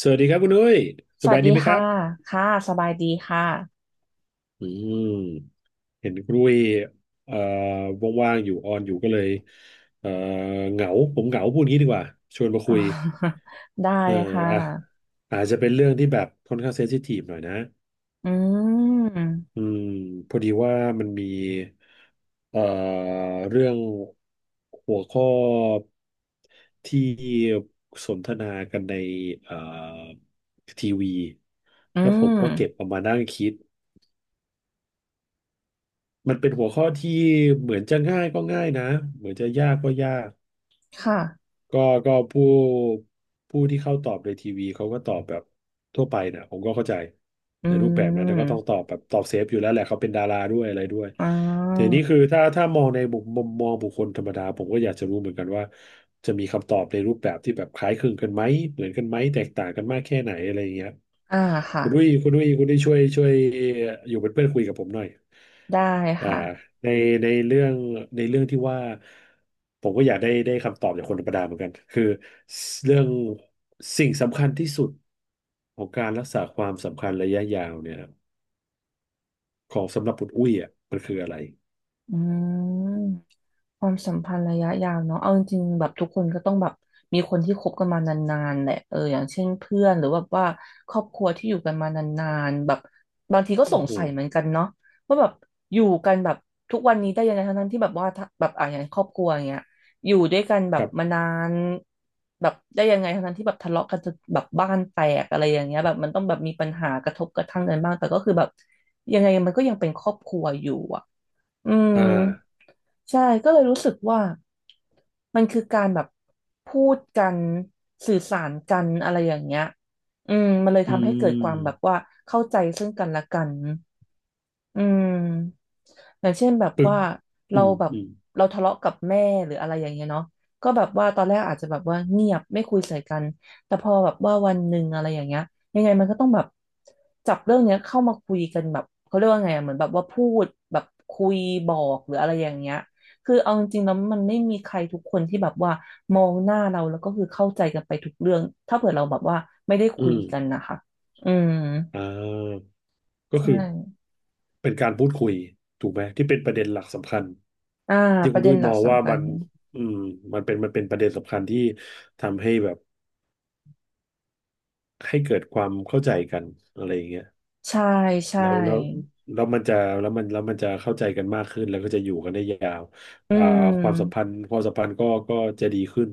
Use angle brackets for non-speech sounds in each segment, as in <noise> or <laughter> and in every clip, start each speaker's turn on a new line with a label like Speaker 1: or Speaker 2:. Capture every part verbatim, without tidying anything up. Speaker 1: สวัสดีครับคุณนุ้ยส
Speaker 2: สวั
Speaker 1: บา
Speaker 2: ส
Speaker 1: ยดี
Speaker 2: ดี
Speaker 1: ไหมครั
Speaker 2: ค่ะ
Speaker 1: บ
Speaker 2: ค่ะสบายดีค่ะ
Speaker 1: อืมเห็นคุณนุ้ยเอ่อว่างๆอยู่ออนอยู่ก็เลยเอ่อเหงาผมเหงาพูดงี้ดีกว่าชวนมา
Speaker 2: อ
Speaker 1: คุ
Speaker 2: อ
Speaker 1: ย
Speaker 2: <laughs> ได้
Speaker 1: เออ
Speaker 2: ค่
Speaker 1: อ่ะ
Speaker 2: ะ
Speaker 1: อาจจะเป็นเรื่องที่แบบค่อนข้างเซนซิทีฟหน่อยนะ
Speaker 2: อืม
Speaker 1: อืมพอดีว่ามันมีเอ่อเรื่องหัวข้อที่สนทนากันในเอ่อทีวี
Speaker 2: อื
Speaker 1: แล้วผมก็เก็บ
Speaker 2: ม
Speaker 1: เอามานั่งคิด มันเป็นหัวข้อที่เหมือนจะง่ายก็ง่ายนะเหมือนจะยากก็ยาก
Speaker 2: ค่ะ
Speaker 1: ก็ก็ผู้ผู้ที่เข้าตอบในทีวีเขาก็ตอบแบบทั่วไปนะผมก็เข้าใจ
Speaker 2: อื
Speaker 1: ในรูปแบบนั้นแล้ก็ต้องต
Speaker 2: ม
Speaker 1: อบแบบตอบเซฟอยู่แล้วแหละเขาเป็นดาราด้วยอะไรด้วย
Speaker 2: อ่
Speaker 1: ที
Speaker 2: า
Speaker 1: นี้คือถ้าถ้ามองในมุมมุมมองบุคคลธรรมดาผมก็อยากจะรู้เหมือนกันว่าจะมีคำตอบในรูปแบบที่แบบคล้ายคลึงกันไหมเหมือนกันไหมแตกต่างกันมากแค่ไหนอะไรอย่างเงี้ย
Speaker 2: อ่าค่ะ
Speaker 1: คุณดุ้ยคุณดุ้ยคุณดุ้ยช่วยช่วยอยู่เป็นเพื่อนคุยกับผมหน่อย
Speaker 2: ได้
Speaker 1: อ่า
Speaker 2: ค่ะ
Speaker 1: ในในเรื่องในเรื่องที่ว่าผมก็อยากได้ได้คำตอบจากคนธรรมดาเหมือนกันคือเรื่องสิ่งสำคัญที่สุดของการรักษาความสำคัญระยะยาวเนี่ยของสำหรับคุณอุ้ยอ่ะมันคืออะไร
Speaker 2: อืม ความสัมพันธ์ระยะยาวเนาะเอาจริงๆแบบทุกคนก็ต้องแบบมีคนที่คบกันมานานๆแหละเอออย่างเช่นเพื่อนหรือว่าว่าครอบครัวที่อยู่กันมานานๆแบบบางทีก็ส
Speaker 1: โอ้
Speaker 2: ง
Speaker 1: โห
Speaker 2: สัยเหมือนกันเนาะว่าแบบอยู่กันแบบทุกวันนี้ได้ยังไงทั้งๆที่แบบว่าถ้าแบบอ่ะอย่างครอบครัวอย่างเงี้ยอยู่ด้วยกันแบ
Speaker 1: กั
Speaker 2: บ
Speaker 1: บ
Speaker 2: มานานแบบได้ยังไงทั้งๆที่แบบทะเลาะกันจนแบบบ้านแตกอะไรอย่างเงี้ยแบบมันต้องแบบมีปัญหากระทบกระทั่งกันบ้างแต่ก็คือแบบยังไงมันก็ยังเป็นครอบครัวอยู่อะ อืม
Speaker 1: อ่า
Speaker 2: ใช่ก็เลยรู้สึกว่ามันคือการแบบพูดกันสื่อสารกันอะไรอย่างเงี้ยอืมมันเลย
Speaker 1: อื
Speaker 2: ทำให้เกิดความแบบ
Speaker 1: ม
Speaker 2: ว่าเข้าใจซึ่งกันและกัน อืมอย่างเช่นแบบ
Speaker 1: ปึก
Speaker 2: ว่าเรา
Speaker 1: อืม
Speaker 2: แบบ
Speaker 1: อืม
Speaker 2: เราทะเลาะกับแม่หรืออะไรอย่างเงี้ยเนาะก็แบบว่าตอนแรกอาจจะแบบว่าเงียบไม่คุยใส่กันแต่พอแบบว่าวันหนึ่งอะไรอย่างเงี้ยยังไงมันก็ต้องแบบจับเรื่องเนี้ยเข้ามาคุยกันแบบเขาเรียกว่าไงอะเหมือนแบบว่าพูดแบบคุยบอกหรืออะไรอย่างเงี้ยคือเอาจริงๆแล้วมันไม่มีใครทุกคนที่แบบว่ามองหน้าเราแล้วก็คือเข้าใจกันไปทุกเรื่องถ้าเผื่อเราแบบว่าไม่ได้
Speaker 1: อื
Speaker 2: คุย
Speaker 1: ม
Speaker 2: กันนะคะอืม
Speaker 1: อ่าก็
Speaker 2: ใช
Speaker 1: คือ
Speaker 2: ่
Speaker 1: เป็นการพูดคุยถูกไหมที่เป็นประเด็นหลักสำคัญ
Speaker 2: อ่า
Speaker 1: ที่
Speaker 2: ป
Speaker 1: คุ
Speaker 2: ระ
Speaker 1: ณ
Speaker 2: เด็
Speaker 1: ด้
Speaker 2: น
Speaker 1: วย
Speaker 2: หลั
Speaker 1: ม
Speaker 2: ก
Speaker 1: องว่า
Speaker 2: สำคั
Speaker 1: มั
Speaker 2: ญ
Speaker 1: นอืมมันเป็นมันเป็นประเด็นสำคัญที่ทำให้แบบ ให้เกิดความเข้าใจกันอะไรอย่างเงี้ย
Speaker 2: ใช่ใช่
Speaker 1: แล้วแล้วแล้วมันจะแล้วมันแล้วมันจะเข้าใจกันมากขึ้นแล้วก็จะอยู่กันได้ยาว
Speaker 2: อื
Speaker 1: อ่าความสัมพั
Speaker 2: ม
Speaker 1: นธ์ความสัมพันธ์ก็ก็จะดีขึ้น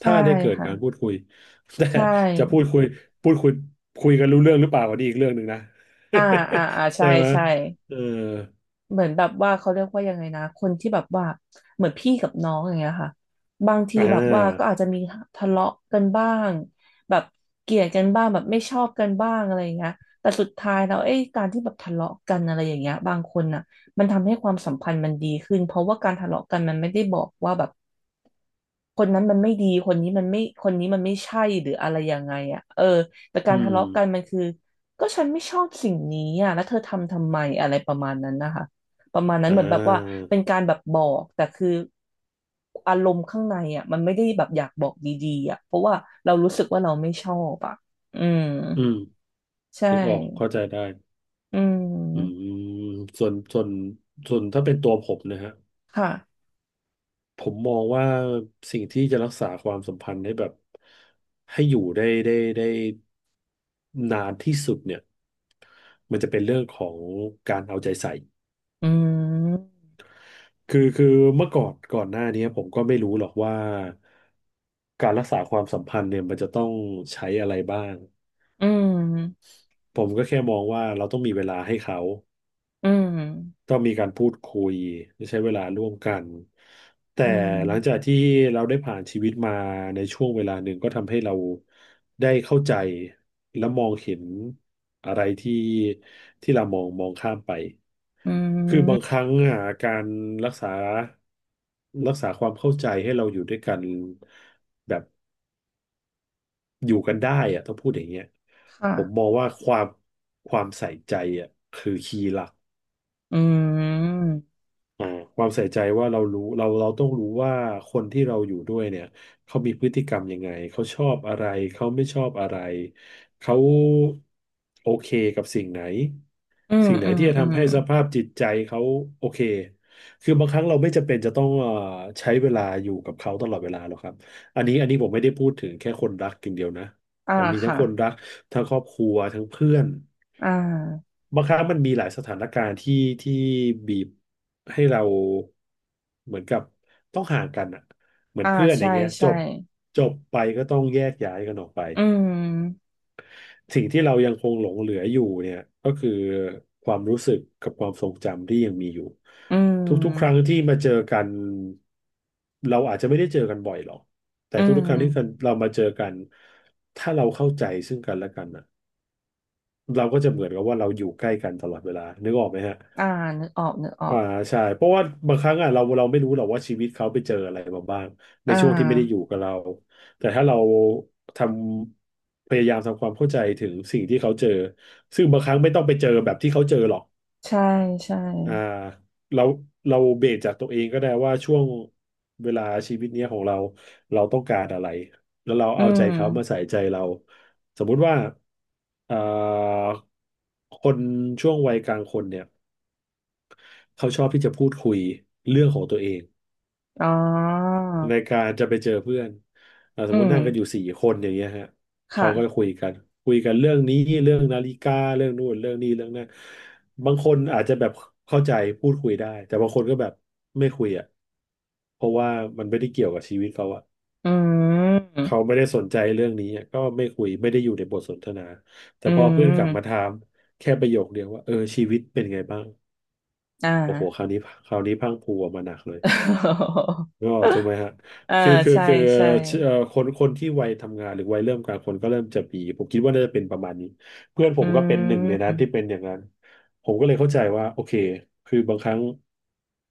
Speaker 2: ใช่
Speaker 1: ถ้าได้เกิด
Speaker 2: ค่ะ
Speaker 1: การพูดคุย <laughs> แต่
Speaker 2: ใช่
Speaker 1: จะพูดคุยพูดคุยคุยกันรู้เรื่องหรือเปล่าอันนี้อีกเรื่องหนึ่งนะ
Speaker 2: อ่าอ่าอ่า
Speaker 1: <laughs>
Speaker 2: ใช่
Speaker 1: ใช่ไหม
Speaker 2: ใช่
Speaker 1: เออ
Speaker 2: เหมือนแบบว่าเขาเรียกว่ายังไงนะคนที่แบบว่าเหมือนพี่กับน้องอย่างเงี้ยค่ะบางที
Speaker 1: อ่
Speaker 2: แบบว่าก็
Speaker 1: า
Speaker 2: อาจจะมีทะเลาะกันบ้างแบบเกลียดกันบ้างแบบไม่ชอบกันบ้างอะไรอย่างเงี้ยแต่สุดท้ายแล้วเอ้ยการที่แบบทะเลาะกันอะไรอย่างเงี้ยบางคนน่ะมันทำให้ความสัมพันธ์มันดีขึ้นเพราะว่าการทะเลาะกันมันไม่ได้บอกว่าแบบ คนนั้นมันไม่ดีคนนี้มันไม่คนนี้มันไม่ใช่หรืออะไรยังไงอ่ะเออแต่
Speaker 1: อื
Speaker 2: การทะ
Speaker 1: ม
Speaker 2: เลาะกันมันคือก็ฉันไม่ชอบสิ่งนี้อ่ะแล้วเธอทำทำไมอะไรประมาณนั้นนะคะประมาณนั้น
Speaker 1: อ่
Speaker 2: เหมือนแบบว่า
Speaker 1: า
Speaker 2: เป็นการแบบบอกแต่คืออารมณ์ข้างในอ่ะมันไม่ได้แบบอยากบอกดีๆอ่ะเพราะว่าเรารู้สึกว่าเราไม่ชอบอ่ะอืม
Speaker 1: อืม
Speaker 2: ใช่
Speaker 1: นึกออกเข้าใจได้
Speaker 2: อื
Speaker 1: อืม
Speaker 2: ม
Speaker 1: ส่วนส่วนส่วนถ้าเป็นตัวผมนะฮะ
Speaker 2: ค่ะ
Speaker 1: ผมมองว่าสิ่งที่จะรักษาความสัมพันธ์ให้แบบให้อยู่ได้ได้ได้นานที่สุดเนี่ยมันจะเป็นเรื่องของการเอาใจใส่
Speaker 2: อืม
Speaker 1: คือคือเมื่อก่อนก่อนหน้านี้ผมก็ไม่รู้หรอกว่าการรักษาความสัมพันธ์เนี่ยมันจะต้องใช้อะไรบ้าง
Speaker 2: อืม
Speaker 1: ผมก็แค่มองว่าเราต้องมีเวลาให้เขา
Speaker 2: อืม
Speaker 1: ต้องมีการพูดคุยและใช้เวลาร่วมกันแต่
Speaker 2: อื
Speaker 1: หลังจาก
Speaker 2: ม
Speaker 1: ที่เราได้ผ่านชีวิตมาในช่วงเวลาหนึ่งก็ทำให้เราได้เข้าใจและมองเห็นอะไรที่ที่เรามองมองข้ามไป
Speaker 2: อื
Speaker 1: คือบางค
Speaker 2: ม
Speaker 1: รั้งอ่ะการรักษารักษาความเข้าใจให้เราอยู่ด้วยกันแบบอยู่กันได้อ่ะต้องพูดอย่างเงี้ย
Speaker 2: ค่ะ
Speaker 1: ผมมองว่าความความใส่ใจอ่ะคือคีย์หลัก
Speaker 2: อืม
Speaker 1: อ่าความใส่ใจว่าเรารู้เราเราต้องรู้ว่าคนที่เราอยู่ด้วยเนี่ยเขามีพฤติกรรมยังไงเขาชอบอะไรเขาไม่ชอบอะไรเขาโอเคกับสิ่งไหน
Speaker 2: อืม
Speaker 1: สิ่งไหน
Speaker 2: อืม
Speaker 1: ที่จะ
Speaker 2: อืม
Speaker 1: ทำให้สภาพจิตใจเขาโอเคคือบางครั้งเราไม่จำเป็นจะต้องเอ่อใช้เวลาอยู่กับเขาตลอดเวลาหรอกครับอันนี้อันนี้ผมไม่ได้พูดถึงแค่คนรักอย่างเดียวนะ
Speaker 2: อ่า
Speaker 1: อ่ะมีทั้ง
Speaker 2: ค่ะ
Speaker 1: คนรักทั้งครอบครัวทั้งเพื่อน
Speaker 2: อ่า
Speaker 1: บางครั้งมันมีหลายสถานการณ์ที่ที่บีบให้เราเหมือนกับต้องห่างกันอ่ะเหมือน
Speaker 2: อ่า
Speaker 1: เพื่อนอ
Speaker 2: ใช่
Speaker 1: ย่างเงี้ยจ
Speaker 2: ใช่
Speaker 1: บจบไปก็ต้องแยกย้ายกันออกไป
Speaker 2: อืม
Speaker 1: สิ่งที่เรายังคงหลงเหลืออยู่เนี่ยก็คือความรู้สึกกับความทรงจำที่ยังมีอยู่
Speaker 2: อื
Speaker 1: ทุกๆครั้ง
Speaker 2: ม
Speaker 1: ที่มาเจอกันเราอาจจะไม่ได้เจอกันบ่อยหรอกแต่
Speaker 2: อื
Speaker 1: ทุกๆครั้งที่
Speaker 2: ม
Speaker 1: เรามาเจอกันถ้าเราเข้าใจซึ่งกันและกันน่ะเราก็จะเหมือนกับว่าเราอยู่ใกล้กันตลอดเวลานึกออกไหมฮะ
Speaker 2: อ่านึกออกนึกออ
Speaker 1: อ่า
Speaker 2: ก
Speaker 1: ใช่เพราะว่าบางครั้งอ่ะเราเราไม่รู้หรอกว่าชีวิตเขาไปเจออะไรมาบ้างใน
Speaker 2: อ่
Speaker 1: ช่วงที่ไม่ได้อยู่
Speaker 2: า
Speaker 1: กับเราแต่ถ้าเราทำพยายามทำความเข้าใจถึงสิ่งที่เขาเจอซึ่งบางครั้งไม่ต้องไปเจอแบบที่เขาเจอหรอก
Speaker 2: ใช่ใช่
Speaker 1: อ่าเราเราเบรกจากตัวเองก็ได้ว่าช่วงเวลาชีวิตเนี้ยของเราเราต้องการอะไรแล้วเรา
Speaker 2: อื
Speaker 1: เอาใจ
Speaker 2: ม
Speaker 1: เขามาใส่ใจเราสมมุติว่าเอ่อคนช่วงวัยกลางคนเนี่ย เขาชอบที่จะพูดคุยเรื่องของตัวเอง
Speaker 2: อ๋อ
Speaker 1: ในการจะไปเจอเพื่อนอ่าส
Speaker 2: อื
Speaker 1: มมติ
Speaker 2: ม
Speaker 1: นั่งกันอยู่สี่คนอย่างเงี้ยฮะเขา
Speaker 2: ค่ะ
Speaker 1: ก็จะคุยกันคุยกันเรื่องนี้เรื่องนาฬิกาเรื่องนู่นเรื่องนี้เรื่องนั้นบางคนอาจจะแบบเข้าใจพูดคุยได้แต่บางคนก็แบบไม่คุยอ่ะเพราะว่ามันไม่ได้เกี่ยวกับชีวิตเขาอ่ะ
Speaker 2: อืม
Speaker 1: เขาไม่ได้สนใจเรื่องนี้อะก็ไม่คุยไม่ได้อยู่ในบทสนทนาแต่
Speaker 2: อื
Speaker 1: พอเพื่อนกลับมาถา
Speaker 2: ม
Speaker 1: มแค่ประโยคเดียวว่าเออชีวิตเป็นไงบ้าง
Speaker 2: อ่า
Speaker 1: โอ้โหคราวนี้คราวนี้พรั่งพรูออกมาหนักเลย
Speaker 2: <laughs>
Speaker 1: ก็ถูกไหมฮะ
Speaker 2: อ่า
Speaker 1: คือคือ
Speaker 2: ใช่
Speaker 1: คือ
Speaker 2: ใช่
Speaker 1: เอ่อคนคนที่วัยทำงานหรือวัยเริ่มกลางคนก็เริ่มจะมีผมคิดว่าน่าจะเป็นประมาณนี้เพื่อนผ
Speaker 2: อื
Speaker 1: มก็เป็นหนึ่งในนั้น
Speaker 2: ม
Speaker 1: ที่เป็นอย่างนั้นผมก็เลยเข้าใจว่าโอเคคือบางครั้ง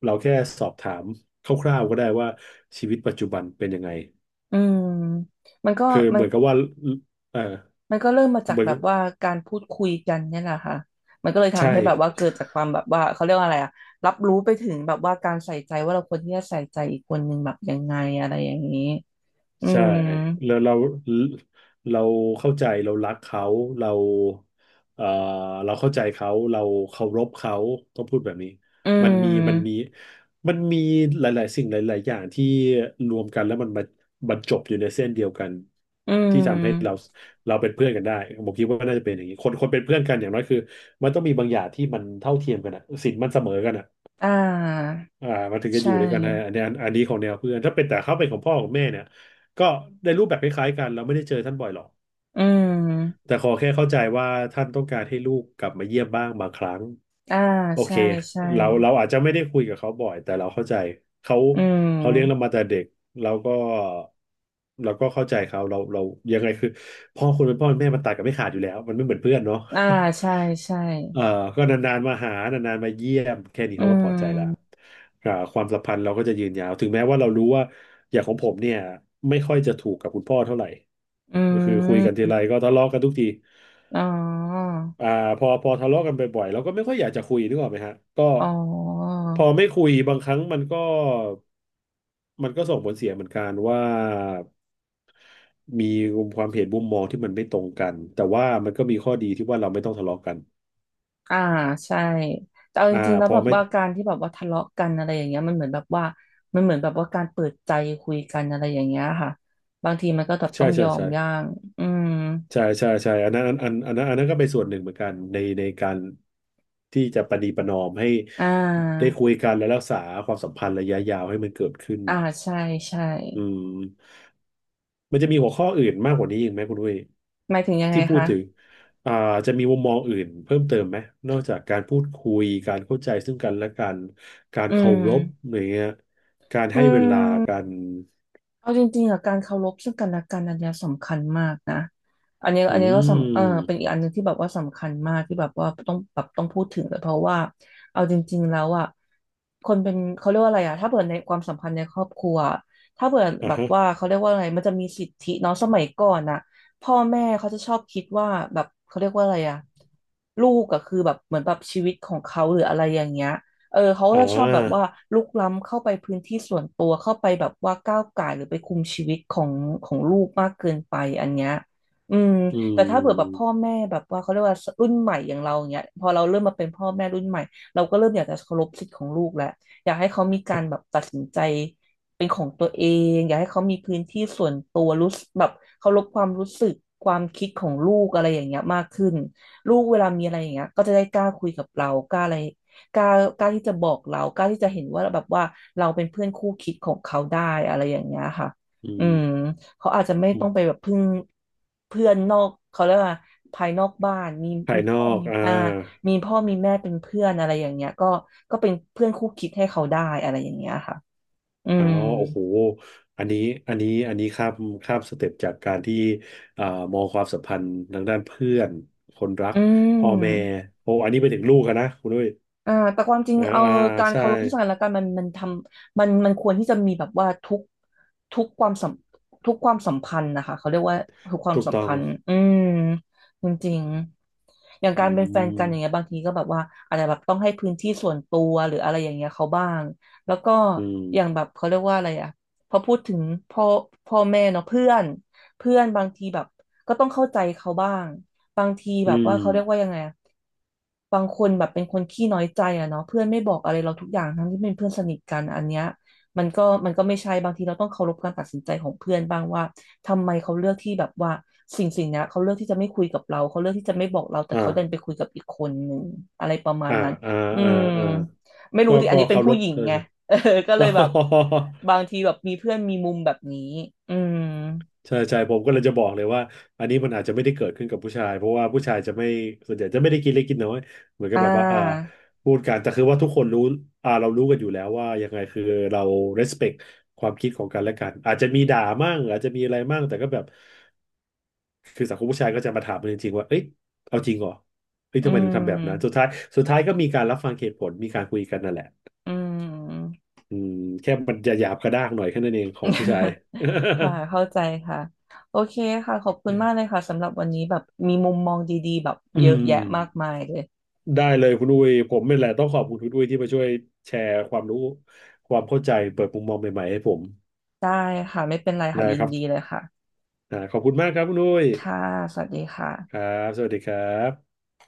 Speaker 1: เราแค่สอบถามคร่าวๆก็ได้ว่าชีวิตปัจจุบันเป็นยังไง
Speaker 2: อืมมันก็
Speaker 1: คือ
Speaker 2: มั
Speaker 1: เห
Speaker 2: น
Speaker 1: มือนกับว่าเออ
Speaker 2: มันก็เริ่มมาจา
Speaker 1: เห
Speaker 2: ก
Speaker 1: มือน
Speaker 2: แบ
Speaker 1: กั
Speaker 2: บ
Speaker 1: บ
Speaker 2: ว่าการพูดคุยกันเนี่ยแหละค่ะมันก็เลย
Speaker 1: ใช่
Speaker 2: ทำให้แบบว่าเกิดจากความแบบว่าเขาเรียกว่าอะไรอะรับรู้ไปถึงแบบว่าการใส่ใจว่าเราควรที่จะใส่ใจอีกคนหนึ่งแบบยังไงอะไรอย่างนี้อื
Speaker 1: ใช่
Speaker 2: ม
Speaker 1: แล้วเราเราเข้าใจเรารักเขาเราเอ่อเราเข้าใจเขาเราเคารพเขาต้องพูดแบบนี้
Speaker 2: อื
Speaker 1: มันมีมันมี
Speaker 2: ม
Speaker 1: มันมีหลายๆสิ่งหลายๆอย่างที่รวมกันแล้วมันมาบรรจบอยู่ในเส้นเดียวกัน
Speaker 2: อื
Speaker 1: ที่ทำให้เรา
Speaker 2: ม
Speaker 1: เราเป็นเพื่อนกันได้ผมคิดว่าน่าจะเป็นอย่างนี้คนคนเป็นเพื่อนกันอย่างน้อยคือมันต้องมีบางอย่างที่มันเท่าเทียมกันอะศีลมันเสมอกันอะ
Speaker 2: อ่า
Speaker 1: อ่ามันถึงจะอ
Speaker 2: ใช่
Speaker 1: ยู่ด้วยกันได้อันนี้อันอันนี้ของแนวเพื่อนถ้าเป็นแต่เขาเป็นของพ่อของแม่เนี่ยก็ได้รูปแบบคล้ายๆกันเราไม่ได้เจอท่านบ่อยหรอก
Speaker 2: อืม
Speaker 1: แต่ขอแค่เข้าใจว่าท่านต้องการให้ลูกกลับมาเยี่ยมบ้างบางครั้ง
Speaker 2: อ่า
Speaker 1: โอ
Speaker 2: ใช่
Speaker 1: เค
Speaker 2: ใช่
Speaker 1: เราเราอาจจะไม่ได้คุยกับเขาบ่อยแต่เราเข้าใจเขา
Speaker 2: อื
Speaker 1: เขาเลี้ยงเรา
Speaker 2: ม
Speaker 1: มาแต่เด็กเราก็เราก็เข้าใจเขาเราเรายังไงคือพ่อคนเป็นพ่อเป็นแม่มันตัดกันไม่ขาดอยู่แล้วมันไม่เหมือนเพื่อนเนาะ
Speaker 2: อ่าใช่ใช่
Speaker 1: เอ่อก็นานๆมาหา นานๆมาเยี่ยมแค่นี้
Speaker 2: อื
Speaker 1: เขาก็พอใจละ
Speaker 2: ม
Speaker 1: อ่าความสัมพันธ์เราก็จะยืนยาว ถึงแม้ว่าเรารู้ว่าอย่างของผมเนี่ยไม่ค่อยจะถูกกับคุณพ่อเท่าไหร่
Speaker 2: อื
Speaker 1: ก็คือคุยกันที
Speaker 2: ม
Speaker 1: ไรก็ทะเลาะกันทุกที
Speaker 2: อ๋อ
Speaker 1: อ่าพอพอทะเลาะกันบ่อยๆเราก็ไม่ค่อยอยากจะคุยนึกออกไหมฮะก็
Speaker 2: อ๋อ
Speaker 1: พอไม่คุยบางครั้งมันก็มันก็ส่งผลเสียเหมือนกันว่ามีความเห็นมุมมองที่มันไม่ตรงกันแต่ว่ามันก็มีข้อดีที่ว่าเราไม่ต้องทะเลาะกัน
Speaker 2: อ่าใช่แต่เอาจ
Speaker 1: อ่า
Speaker 2: ริงๆแล้
Speaker 1: พ
Speaker 2: ว
Speaker 1: อ
Speaker 2: แบบ
Speaker 1: ไม่
Speaker 2: ว่าการที่แบบว่าทะเลาะกันอะไรอย่างเงี้ยมันเหมือนแบบว่ามันเหมือนแบบว่าการเปิดใจคุยกันอะไรอย่างเงี้ยค่ะบางทีมันก็แบบ
Speaker 1: ใช่
Speaker 2: ต้องย
Speaker 1: ใช่
Speaker 2: อม
Speaker 1: ใช่
Speaker 2: ย่างอืม
Speaker 1: ใช่ใช่ใช่อันนั้นอันอันอันนั้นอันนั้นก็เป็นส่วนหนึ่งเหมือนกันในในการที่จะประนีประนอมให้
Speaker 2: อ่
Speaker 1: ได้
Speaker 2: า
Speaker 1: คุยกันและรักษาความสัมพันธ์ระยะยาวให้มันเกิดขึ้น
Speaker 2: อ่าใช่ใช่
Speaker 1: อืมมันจะมีหัวข้ออื่นมากกว่านี้อีกไหมคุณด้วย
Speaker 2: หมายถึงยังไง
Speaker 1: ที่พูด
Speaker 2: คะ
Speaker 1: ถึงอ่าจะมีมุมมองอื่นเพิ่มเติมไหมนอกจากการพูดคุยการเข้าใจซึ่งกันและกันการ
Speaker 2: อื
Speaker 1: เคา
Speaker 2: ม
Speaker 1: รพอย่างเงี้ยการ
Speaker 2: อื
Speaker 1: ให้เวลากั
Speaker 2: ม
Speaker 1: น
Speaker 2: เอาจริงๆอะการเคารพซึ่งกันและกันอันเนี้ยสำคัญมากนะ อันนี้
Speaker 1: อื
Speaker 2: อันนี้ก็สำเออเป็นอีก
Speaker 1: ม
Speaker 2: อันหนึ่งที่แบบว่าสำคัญมากที่แบบว่าต้องแบบต้องพูดถึงเลยเพราะว่าเอาจริงๆแล้วอะคนเป็นเขาเรียกว่าอะไรอะถ้าเปิดในความสัมพันธ์ในครอบครัวถ้าเปิด
Speaker 1: อ่ะ
Speaker 2: แบบ
Speaker 1: ฮะ
Speaker 2: ว่าเขาเรียกว่าอะไรมันจะมีสิทธิเนาะสมัยก่อนอะพ่อแม่เขาจะชอบคิดว่าแบบเขาเรียกว่าอะไรอะลูกอะคือแบบเหมือนแบบชีวิตของเขาหรืออะไรอย่างเงี้ย เออเขา
Speaker 1: อ่
Speaker 2: ก็ชอบแบบว่า
Speaker 1: า
Speaker 2: ลุกล้ำเข้าไปพื้นที่ส่วนตัวเข้าไปแบบว่าก้าวก่ายหรือไปคุมชีวิตของของลูกมากเกินไปอันเนี้ยอืม
Speaker 1: อื
Speaker 2: แต่ถ้าเผื่อแบบพ่อ
Speaker 1: ม
Speaker 2: แม่แบบว่าเขาเรียกว่ารุ่นใหม่อย่างเราอย่างเงี้ยพอเราเริ่มมาเป็นพ่อแม่รุ่นใหม่เราก็เริ่มอยากจะเคารพสิทธิ์ของลูกแล้วอยากให้เขามีการแบบตัดสินใจเป็นของตัวเองอยากให้เขามีพื้นที่ส่วนตัวรู้สึกแบบเคารพความรู้สึกความคิดของลูกอะไรอย่างเงี้ยมากขึ้นลูกเวลามีอะไรอย่างเงี้ยก็จะได้กล้าคุยกับเรากล้าอะไร กล้ากล้าที่จะบอกเรากล้าที่จะเห็นว่าแบบว่าเราเป็นเพื่อนคู่คิดของเขาได้อะไรอย่างเงี้ยค่ะ
Speaker 1: อื
Speaker 2: อืมเขาอาจจะไม่ต้องไป
Speaker 1: ม
Speaker 2: แบบพึ่งเพื่อนนอกเขาเรียกว่าภายนอกบ้านมี
Speaker 1: ภา
Speaker 2: มี
Speaker 1: ยนอ
Speaker 2: พ่อ
Speaker 1: ก
Speaker 2: มี
Speaker 1: อ่า
Speaker 2: อ่ามีพ่อมีแม่เป็นเพื่อนอะไรอย่างเงี้ยก็ก็เป็นเพื่อนคู่คิดให้เขาได้อะไรอย่างเงี้ยค่ะอื
Speaker 1: อ๋อ
Speaker 2: ม
Speaker 1: โอ้โหอันนี้อันนี้อันนี้ข้ามข้ามสเต็ปจากการที่อ่ามองความสัมพันธ์ทางด้านเพื่อน คนรัก
Speaker 2: อื
Speaker 1: พ่อแม่
Speaker 2: ม
Speaker 1: โอ้อันนี้ไปถึงลูกอะนะคุณด้วย
Speaker 2: อ่าแต่ความจริง
Speaker 1: อ่า
Speaker 2: เอา
Speaker 1: อ่า
Speaker 2: การ
Speaker 1: ใช่
Speaker 2: เคารพซึ่งกันและกันมันมันทำมันมันควรที่จะมีแบบว่าทุกทุกความสัมทุกความสัมพันธ์นะคะเขาเรียกว่าทุกความ
Speaker 1: ถูก
Speaker 2: สัม
Speaker 1: ต้อง
Speaker 2: พันธ์อืมจริงๆอย่าง
Speaker 1: อื
Speaker 2: การเป็นแฟนกั
Speaker 1: ม
Speaker 2: นอย่างเงี้ยบางทีก็แบบว่าอาจจะแบบต้องให้พื้นที่ส่วนตัวหรืออะไรอย่างเงี้ยเขาบ้างแล้วก็
Speaker 1: อืม
Speaker 2: อย่างแบบเขาเรียกว่าอะไรอ่ะพอพูดถึงพ่อพ่อแม่เนาะเพื่อนเพื่อนบางทีแบบ ก็ต้องเข้าใจเขาบ้างบางที
Speaker 1: อื
Speaker 2: แบบว่า
Speaker 1: ม
Speaker 2: เขาเรียกว่ายังไงอะบางคนแบบเป็นคนขี้น้อยใจอะเนาะเพื่อนไม่บอกอะไรเราทุกอย่างทั้งที่เป็นเพื่อนสนิทกันอันเนี้ยมันก็มันก็ไม่ใช่บางทีเราต้องเคารพการตัดสินใจของเพื่อนบ้างว่าทำไมเขาเลือกที่แบบว่าสิ่งสิ่งเนี้ยเขาเลือกที่จะไม่คุยกับเราเขาเลือกที่จะไม่บอกเราแต่เขาดันไป
Speaker 1: อ่า
Speaker 2: คุยกับอีกคนหนึ่งอะไรประมาณ
Speaker 1: อ่า
Speaker 2: นั้น
Speaker 1: อ่า
Speaker 2: อื
Speaker 1: อ่า
Speaker 2: ม
Speaker 1: อ่า
Speaker 2: ไม่รู้
Speaker 1: ก็
Speaker 2: สิอัน
Speaker 1: ก็
Speaker 2: นี้เป็น
Speaker 1: เคาร
Speaker 2: ผู้
Speaker 1: พ
Speaker 2: หญิง
Speaker 1: เธอ
Speaker 2: ไง
Speaker 1: จ้ะ
Speaker 2: <laughs> เออก็เลยแบบบา
Speaker 1: <laughs>
Speaker 2: งทีแบบมีเพื่อนมีมุมแบบนี้อืม
Speaker 1: ใช่ใช่ผมก็เลยจะบอกเลยว่าอันนี้มันอาจจะไม่ได้เกิดขึ้นกับผู้ชายเพราะว่าผู้ชายจะไม่ส่วนใหญ่จะไม่ได้กินเล็กกินน้อยเหมือนกั
Speaker 2: อ่
Speaker 1: บแบบว่าอ่า
Speaker 2: า
Speaker 1: พูดกันแต่คือว่าทุกคนรู้อ่าเรารู้กันอยู่แล้วว่ายังไงคือเรา respect ความคิดของกันและกันอาจจะมีด่ามั่งอาจจะมีอะไรมั่งแต่ก็แบบคือสังคมผู้ชายก็จะมาถามกันจริงๆว่าเอ้ยเอาจริงเหรอเอ้ย
Speaker 2: อื
Speaker 1: ทำไมถึงทำแบบนั้นสุด
Speaker 2: ม
Speaker 1: ท้ายสุดท้ายก็มีการรับฟังเหตุผลมีการคุยกันนั่นแหละ
Speaker 2: อืม
Speaker 1: อืมแค่มันจะหยาบกระด้างหน่อยแค่นั้นเองของผู้ชาย
Speaker 2: <laughs> ค่ะ เข้าใจค่ะ โอเคค่ะ ขอบคุณมากเลย
Speaker 1: <laughs>
Speaker 2: ค่ะสำหรับวันนี้แบบมีมุมมองดีๆแบบ
Speaker 1: อื
Speaker 2: เยอะ
Speaker 1: ม
Speaker 2: แยะมากมายเลย
Speaker 1: ได้เลยคุณอุ้ยผมนี่แหละต้องขอบคุณคุณอุ้ยที่มาช่วยแชร์ความรู้ความเข้าใจเปิดมุมมองใหม่ๆให้ผม
Speaker 2: ได้ค่ะ ไม่เป็นไรค่ะ
Speaker 1: นะ
Speaker 2: ยิน
Speaker 1: ครับ
Speaker 2: ดีเลยค่ะ
Speaker 1: อ่าขอบคุณมากครับคุณอุ้ย
Speaker 2: ค่ะ สวัสดีค่ะ
Speaker 1: ครับสวัสดีครับ